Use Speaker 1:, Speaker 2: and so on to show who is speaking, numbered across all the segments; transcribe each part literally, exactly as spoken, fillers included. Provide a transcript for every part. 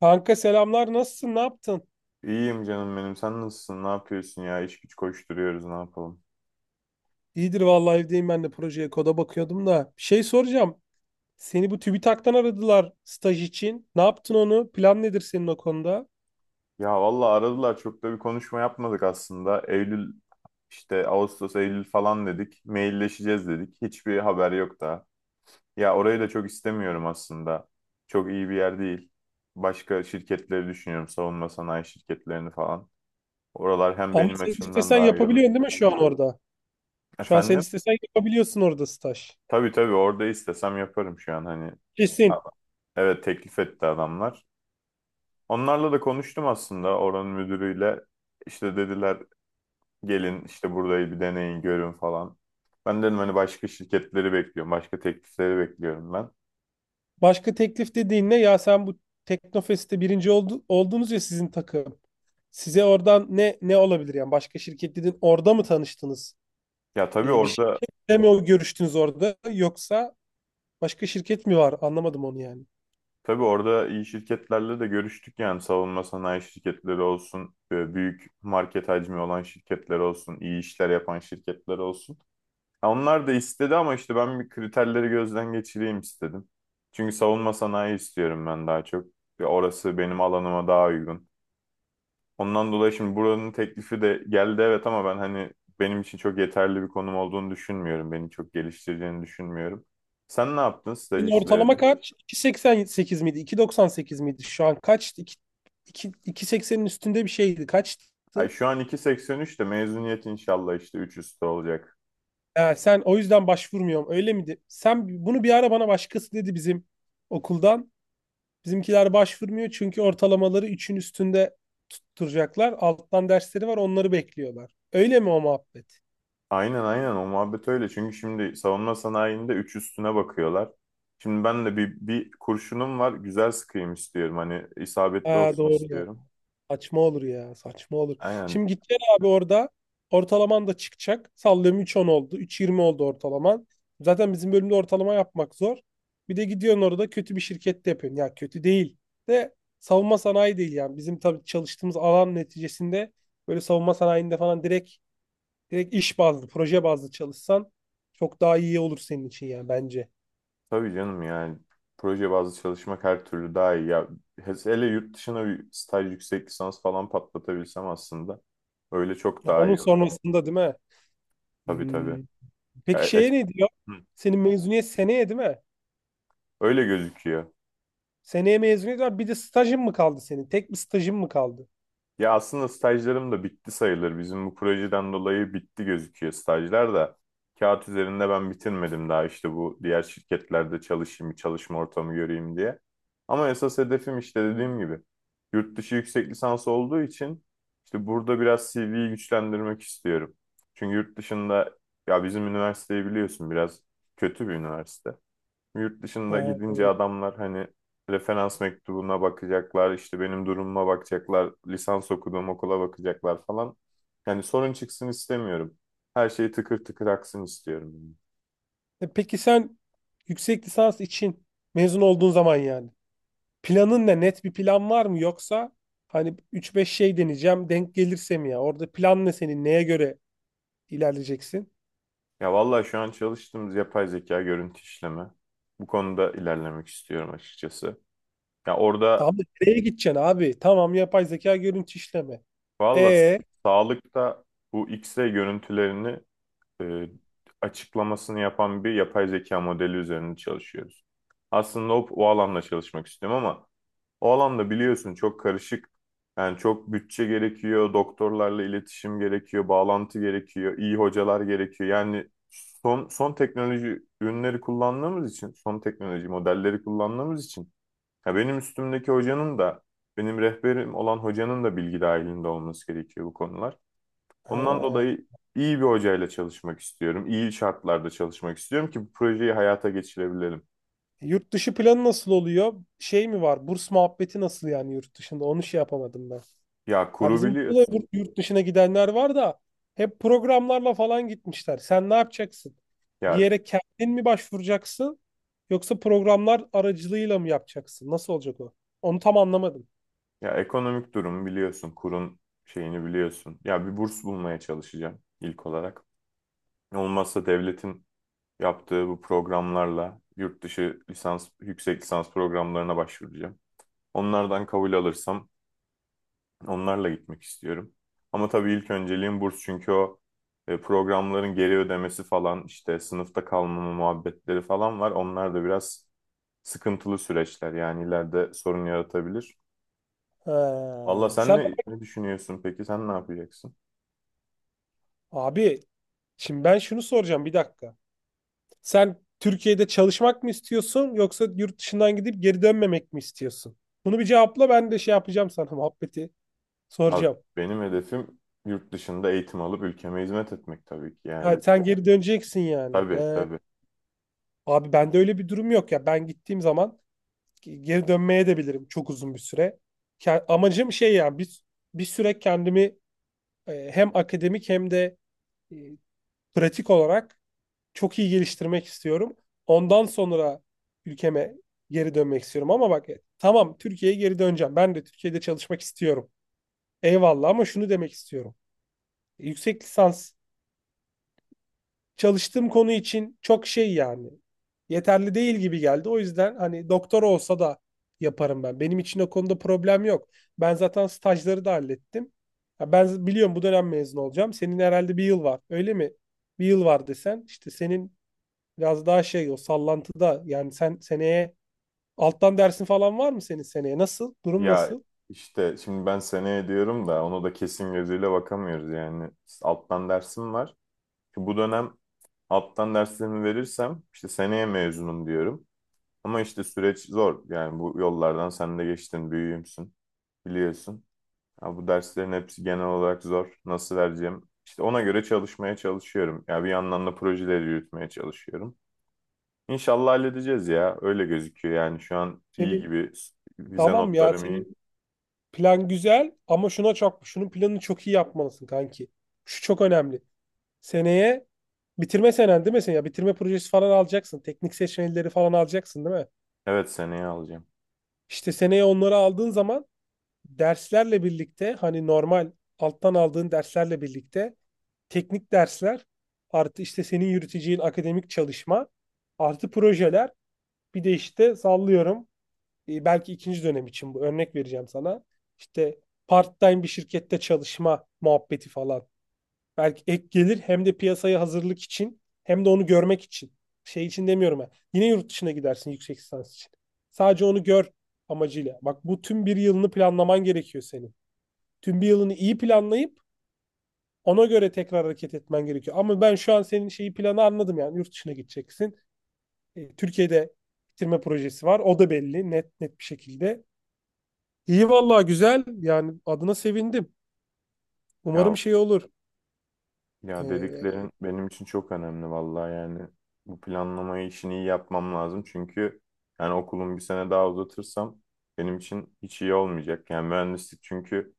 Speaker 1: Kanka selamlar, nasılsın, ne yaptın?
Speaker 2: İyiyim canım benim. Sen nasılsın? Ne yapıyorsun ya? İş güç koşturuyoruz. Ne yapalım?
Speaker 1: İyidir vallahi, evdeyim ben de, projeye koda bakıyordum da. Bir şey soracağım. Seni bu TÜBİTAK'tan aradılar staj için. Ne yaptın onu? Plan nedir senin o konuda?
Speaker 2: Ya valla aradılar. Çok da bir konuşma yapmadık aslında. Eylül işte Ağustos, Eylül falan dedik. Mailleşeceğiz dedik. Hiçbir haber yok daha. Ya orayı da çok istemiyorum aslında. Çok iyi bir yer değil. Başka şirketleri düşünüyorum. Savunma sanayi şirketlerini falan. Oralar hem
Speaker 1: Ama
Speaker 2: benim
Speaker 1: sen
Speaker 2: açımdan
Speaker 1: istesen
Speaker 2: daha iyi olur.
Speaker 1: yapabiliyorsun değil mi şu an orada? Şu an sen
Speaker 2: Efendim?
Speaker 1: istesen yapabiliyorsun orada staj.
Speaker 2: Tabii tabii, orada istesem yaparım şu an hani.
Speaker 1: Kesin.
Speaker 2: Evet, teklif etti adamlar. Onlarla da konuştum aslında, oranın müdürüyle. İşte dediler gelin işte burayı bir deneyin görün falan. Ben dedim hani başka şirketleri bekliyorum. Başka teklifleri bekliyorum ben.
Speaker 1: Başka teklif dediğin ne? Ya sen bu Teknofest'te birinci oldu, oldunuz ya sizin takım. Size oradan ne ne olabilir yani? Başka şirket dedin, orada mı tanıştınız?
Speaker 2: Ya tabii
Speaker 1: Ee, bir
Speaker 2: orada
Speaker 1: şirketle mi o görüştünüz orada? Yoksa başka şirket mi var? Anlamadım onu yani.
Speaker 2: tabii orada iyi şirketlerle de görüştük, yani savunma sanayi şirketleri olsun, e, büyük market hacmi olan şirketler olsun, iyi işler yapan şirketler olsun. Ya onlar da istedi ama işte ben bir kriterleri gözden geçireyim istedim. Çünkü savunma sanayi istiyorum ben daha çok. Ve orası benim alanıma daha uygun. Ondan dolayı şimdi buranın teklifi de geldi, evet, ama ben hani benim için çok yeterli bir konum olduğunu düşünmüyorum. Beni çok geliştireceğini düşünmüyorum. Sen ne yaptın staj
Speaker 1: Senin ortalama
Speaker 2: işlerini?
Speaker 1: kaç? İki virgül seksen sekiz miydi? İki virgül doksan sekiz miydi? Şu an kaç? 2, 2, iki nokta sekseninin üstünde bir şeydi. Kaçtı?
Speaker 2: Ay şu an iki virgül seksen üç de mezuniyet inşallah işte üç üstü olacak.
Speaker 1: Ha, sen o yüzden başvurmuyorum. Öyle miydi? Sen bunu bir ara bana, başkası dedi bizim okuldan. Bizimkiler başvurmuyor çünkü ortalamaları üçün üstünde tutturacaklar. Alttan dersleri var, onları bekliyorlar. Öyle mi o muhabbet?
Speaker 2: Aynen, aynen, o muhabbet öyle. Çünkü şimdi savunma sanayinde üç üstüne bakıyorlar. Şimdi ben de bir, bir kurşunum var, güzel sıkayım istiyorum. Hani isabetli
Speaker 1: Ha,
Speaker 2: olsun
Speaker 1: doğru.
Speaker 2: istiyorum.
Speaker 1: Saçma olur ya. Saçma olur.
Speaker 2: Aynen.
Speaker 1: Şimdi gideceksin abi orada. Ortalaman da çıkacak. Sallıyorum üç on oldu, üç yirmi oldu ortalaman. Zaten bizim bölümde ortalama yapmak zor. Bir de gidiyorsun orada kötü bir şirkette yapıyorsun. Ya kötü değil de savunma sanayi değil yani. Bizim tabii çalıştığımız alan neticesinde böyle savunma sanayinde falan direkt direkt iş bazlı, proje bazlı çalışsan çok daha iyi olur senin için yani, bence.
Speaker 2: Tabii canım, yani proje bazlı çalışmak her türlü daha iyi. Ya, hele yurt dışına bir staj, yüksek lisans falan patlatabilsem aslında, öyle çok
Speaker 1: Ya
Speaker 2: daha
Speaker 1: onun
Speaker 2: iyi olur.
Speaker 1: sonrasında değil mi?
Speaker 2: Tabii tabii.
Speaker 1: Hmm.
Speaker 2: Ya,
Speaker 1: Peki
Speaker 2: e-
Speaker 1: şeye ne diyor?
Speaker 2: Hı.
Speaker 1: Senin mezuniyet seneye değil mi?
Speaker 2: Öyle gözüküyor.
Speaker 1: Seneye mezuniyet var. Bir de stajın mı kaldı senin? Tek bir stajın mı kaldı?
Speaker 2: Ya aslında stajlarım da bitti sayılır. Bizim bu projeden dolayı bitti gözüküyor stajlar da. Kağıt üzerinde ben bitirmedim daha, işte bu diğer şirketlerde çalışayım, çalışma ortamı göreyim diye. Ama esas hedefim işte, dediğim gibi, yurt dışı yüksek lisans olduğu için işte burada biraz C V'yi güçlendirmek istiyorum. Çünkü yurt dışında, ya bizim üniversiteyi biliyorsun, biraz kötü bir üniversite. Yurt dışında
Speaker 1: Ha,
Speaker 2: gidince
Speaker 1: evet.
Speaker 2: adamlar hani referans mektubuna bakacaklar, işte benim durumuma bakacaklar, lisans okuduğum okula bakacaklar falan. Yani sorun çıksın istemiyorum. Her şey tıkır tıkır aksın istiyorum, yani.
Speaker 1: E peki sen yüksek lisans için mezun olduğun zaman, yani planın ne? Net bir plan var mı? Yoksa hani üç beş şey deneyeceğim, denk gelirse mi ya? Orada plan ne senin? Neye göre ilerleyeceksin?
Speaker 2: Ya vallahi şu an çalıştığımız yapay zeka görüntü işleme. Bu konuda ilerlemek istiyorum açıkçası. Ya orada
Speaker 1: Tamam da nereye gideceksin abi? Tamam, yapay zeka görüntü işleme.
Speaker 2: valla
Speaker 1: E
Speaker 2: sağlıkta bu X-ray görüntülerini, e, açıklamasını yapan bir yapay zeka modeli üzerinde çalışıyoruz. Aslında o, o alanda çalışmak istiyorum ama o alanda biliyorsun çok karışık. Yani çok bütçe gerekiyor, doktorlarla iletişim gerekiyor, bağlantı gerekiyor, iyi hocalar gerekiyor. Yani son son teknoloji ürünleri kullandığımız için, son teknoloji modelleri kullandığımız için, ya benim üstümdeki hocanın da, benim rehberim olan hocanın da bilgi dahilinde olması gerekiyor bu konular. Ondan
Speaker 1: ha,
Speaker 2: dolayı iyi bir hocayla çalışmak istiyorum. İyi şartlarda çalışmak istiyorum ki bu projeyi hayata geçirebilelim.
Speaker 1: Yurt dışı planı nasıl oluyor? Şey mi var? Burs muhabbeti nasıl yani yurt dışında? Onu şey yapamadım ben.
Speaker 2: Ya
Speaker 1: Ha,
Speaker 2: kuru
Speaker 1: bizim burada da
Speaker 2: biliyorsun.
Speaker 1: yurt yurt dışına gidenler var da, hep programlarla falan gitmişler. Sen ne yapacaksın? Bir
Speaker 2: Ya
Speaker 1: yere kendin mi başvuracaksın yoksa programlar aracılığıyla mı yapacaksın? Nasıl olacak o? Onu tam anlamadım.
Speaker 2: ya ekonomik durum biliyorsun. Kurun şeyini biliyorsun. Ya bir burs bulmaya çalışacağım ilk olarak. Olmazsa devletin yaptığı bu programlarla yurt dışı lisans, yüksek lisans programlarına başvuracağım. Onlardan kabul alırsam onlarla gitmek istiyorum. Ama tabii ilk önceliğim burs, çünkü o e, programların geri ödemesi falan, işte sınıfta kalmama muhabbetleri falan var. Onlar da biraz sıkıntılı süreçler, yani ileride sorun yaratabilir. Valla
Speaker 1: Ha,
Speaker 2: sen
Speaker 1: sen
Speaker 2: ne, ne düşünüyorsun peki? Sen ne yapacaksın?
Speaker 1: abi, şimdi ben şunu soracağım bir dakika. Sen Türkiye'de çalışmak mı istiyorsun yoksa yurt dışından gidip geri dönmemek mi istiyorsun? Bunu bir cevapla, ben de şey yapacağım sana muhabbeti
Speaker 2: Abi
Speaker 1: soracağım.
Speaker 2: benim hedefim yurt dışında eğitim alıp ülkeme hizmet etmek, tabii ki yani.
Speaker 1: Ha, sen geri döneceksin yani.
Speaker 2: Tabii
Speaker 1: He.
Speaker 2: tabii.
Speaker 1: Abi bende öyle bir durum yok ya. Ben gittiğim zaman ge- geri dönmeye de bilirim çok uzun bir süre. Ke- Amacım şey yani, bir, bir süre kendimi e, hem akademik hem de e, pratik olarak çok iyi geliştirmek istiyorum. Ondan sonra ülkeme geri dönmek istiyorum. Ama bak, e, tamam, Türkiye'ye geri döneceğim. Ben de Türkiye'de çalışmak istiyorum. Eyvallah, ama şunu demek istiyorum. Yüksek lisans çalıştığım konu için çok şey yani, yeterli değil gibi geldi. O yüzden hani doktora olsa da yaparım ben. Benim için o konuda problem yok. Ben zaten stajları da hallettim. Ya ben biliyorum, bu dönem mezun olacağım. Senin herhalde bir yıl var. Öyle mi? Bir yıl var desen, İşte senin biraz daha şey, o sallantıda yani. Sen seneye alttan dersin falan var mı senin seneye? Nasıl? Durum
Speaker 2: Ya
Speaker 1: nasıl?
Speaker 2: işte şimdi ben seneye diyorum da onu da kesin gözüyle bakamıyoruz yani. Alttan dersim var. Bu dönem alttan derslerimi verirsem işte seneye mezunum diyorum. Ama işte süreç zor. Yani bu yollardan sen de geçtin, büyüğümsün, biliyorsun. Ya bu derslerin hepsi genel olarak zor. Nasıl vereceğim? İşte ona göre çalışmaya çalışıyorum. Ya bir yandan da projeleri yürütmeye çalışıyorum. İnşallah halledeceğiz ya. Öyle gözüküyor, yani şu an iyi
Speaker 1: Senin
Speaker 2: gibi. Vize
Speaker 1: tamam ya,
Speaker 2: notlarım iyi.
Speaker 1: senin plan güzel ama şuna çok, şunun planını çok iyi yapmalısın kanki. Şu çok önemli. Seneye bitirme senen değil mi sen? Ya bitirme projesi falan alacaksın. Teknik seçmelileri falan alacaksın değil mi?
Speaker 2: Evet, seneye alacağım.
Speaker 1: İşte seneye onları aldığın zaman derslerle birlikte, hani normal alttan aldığın derslerle birlikte teknik dersler, artı işte senin yürüteceğin akademik çalışma, artı projeler, bir de işte sallıyorum e, belki ikinci dönem için, bu örnek vereceğim sana. İşte part-time bir şirkette çalışma muhabbeti falan. Belki ek gelir, hem de piyasaya hazırlık için, hem de onu görmek için. Şey için demiyorum ben. Yine yurt dışına gidersin yüksek lisans için. Sadece onu gör amacıyla. Bak, bu tüm bir yılını planlaman gerekiyor senin. Tüm bir yılını iyi planlayıp ona göre tekrar hareket etmen gerekiyor. Ama ben şu an senin şeyi, planı anladım yani, yurt dışına gideceksin. E, Türkiye'de bitirme projesi var. O da belli, net net bir şekilde. İyi vallahi, güzel. Yani adına sevindim. Umarım
Speaker 2: Ya
Speaker 1: şey olur.
Speaker 2: Ya
Speaker 1: E,
Speaker 2: dediklerin benim için çok önemli, vallahi yani bu planlamayı, işini iyi yapmam lazım, çünkü yani okulum bir sene daha uzatırsam benim için hiç iyi olmayacak. Yani mühendislik, çünkü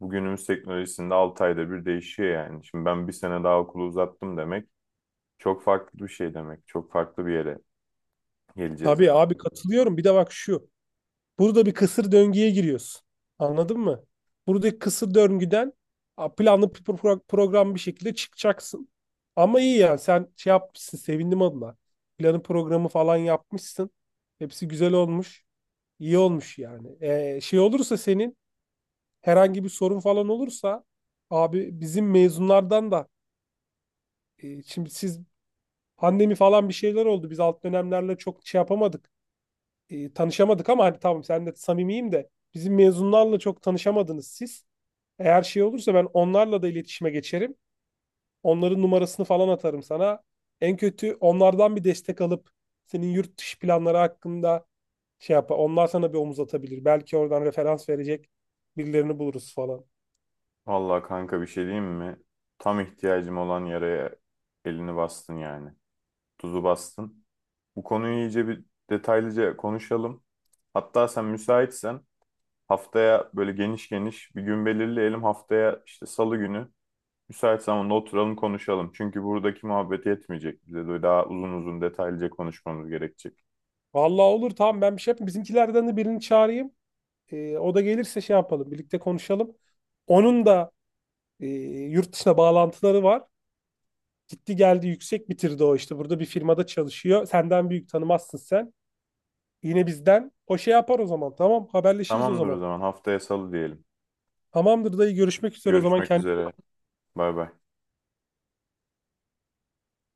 Speaker 2: bugünümüz teknolojisinde altı ayda bir değişiyor yani. Şimdi ben bir sene daha okulu uzattım demek çok farklı bir şey demek. Çok farklı bir yere geleceğiz
Speaker 1: tabii
Speaker 2: demek.
Speaker 1: abi, katılıyorum. Bir de bak şu. Burada bir kısır döngüye giriyorsun. Anladın mı? Buradaki kısır döngüden a, planlı bir pro- program bir şekilde çıkacaksın. Ama iyi yani, sen şey yapmışsın, sevindim adına. Planı programı falan yapmışsın. Hepsi güzel olmuş. İyi olmuş yani. Ee, şey olursa senin herhangi bir sorun falan olursa, abi bizim mezunlardan da e, şimdi siz, pandemi falan bir şeyler oldu. Biz alt dönemlerle çok şey yapamadık. E, tanışamadık ama hani tamam, sen de samimiyim de, bizim mezunlarla çok tanışamadınız siz. Eğer şey olursa ben onlarla da iletişime geçerim. Onların numarasını falan atarım sana. En kötü onlardan bir destek alıp senin yurt dışı planları hakkında şey yapar. Onlar sana bir omuz atabilir. Belki oradan referans verecek birilerini buluruz falan.
Speaker 2: Vallahi kanka, bir şey diyeyim mi? Tam ihtiyacım olan yere elini bastın yani. Tuzu bastın. Bu konuyu iyice bir detaylıca konuşalım. Hatta sen müsaitsen haftaya böyle geniş geniş bir gün belirleyelim. Haftaya işte salı günü müsait zamanda oturalım konuşalım. Çünkü buradaki muhabbet yetmeyecek. Bize de daha uzun uzun detaylıca konuşmamız gerekecek.
Speaker 1: Vallahi olur, tamam, ben bir şey yapayım. Bizimkilerden de birini çağırayım. E, o da gelirse şey yapalım, birlikte konuşalım. Onun da e, yurt dışına bağlantıları var. Gitti geldi, yüksek bitirdi o işte. Burada bir firmada çalışıyor. Senden büyük, tanımazsın sen. Yine bizden. O şey yapar o zaman. Tamam, haberleşiriz o
Speaker 2: Tamamdır o
Speaker 1: zaman.
Speaker 2: zaman, haftaya salı diyelim.
Speaker 1: Tamamdır dayı, görüşmek üzere o zaman.
Speaker 2: Görüşmek
Speaker 1: Kendine
Speaker 2: üzere. Bay bay.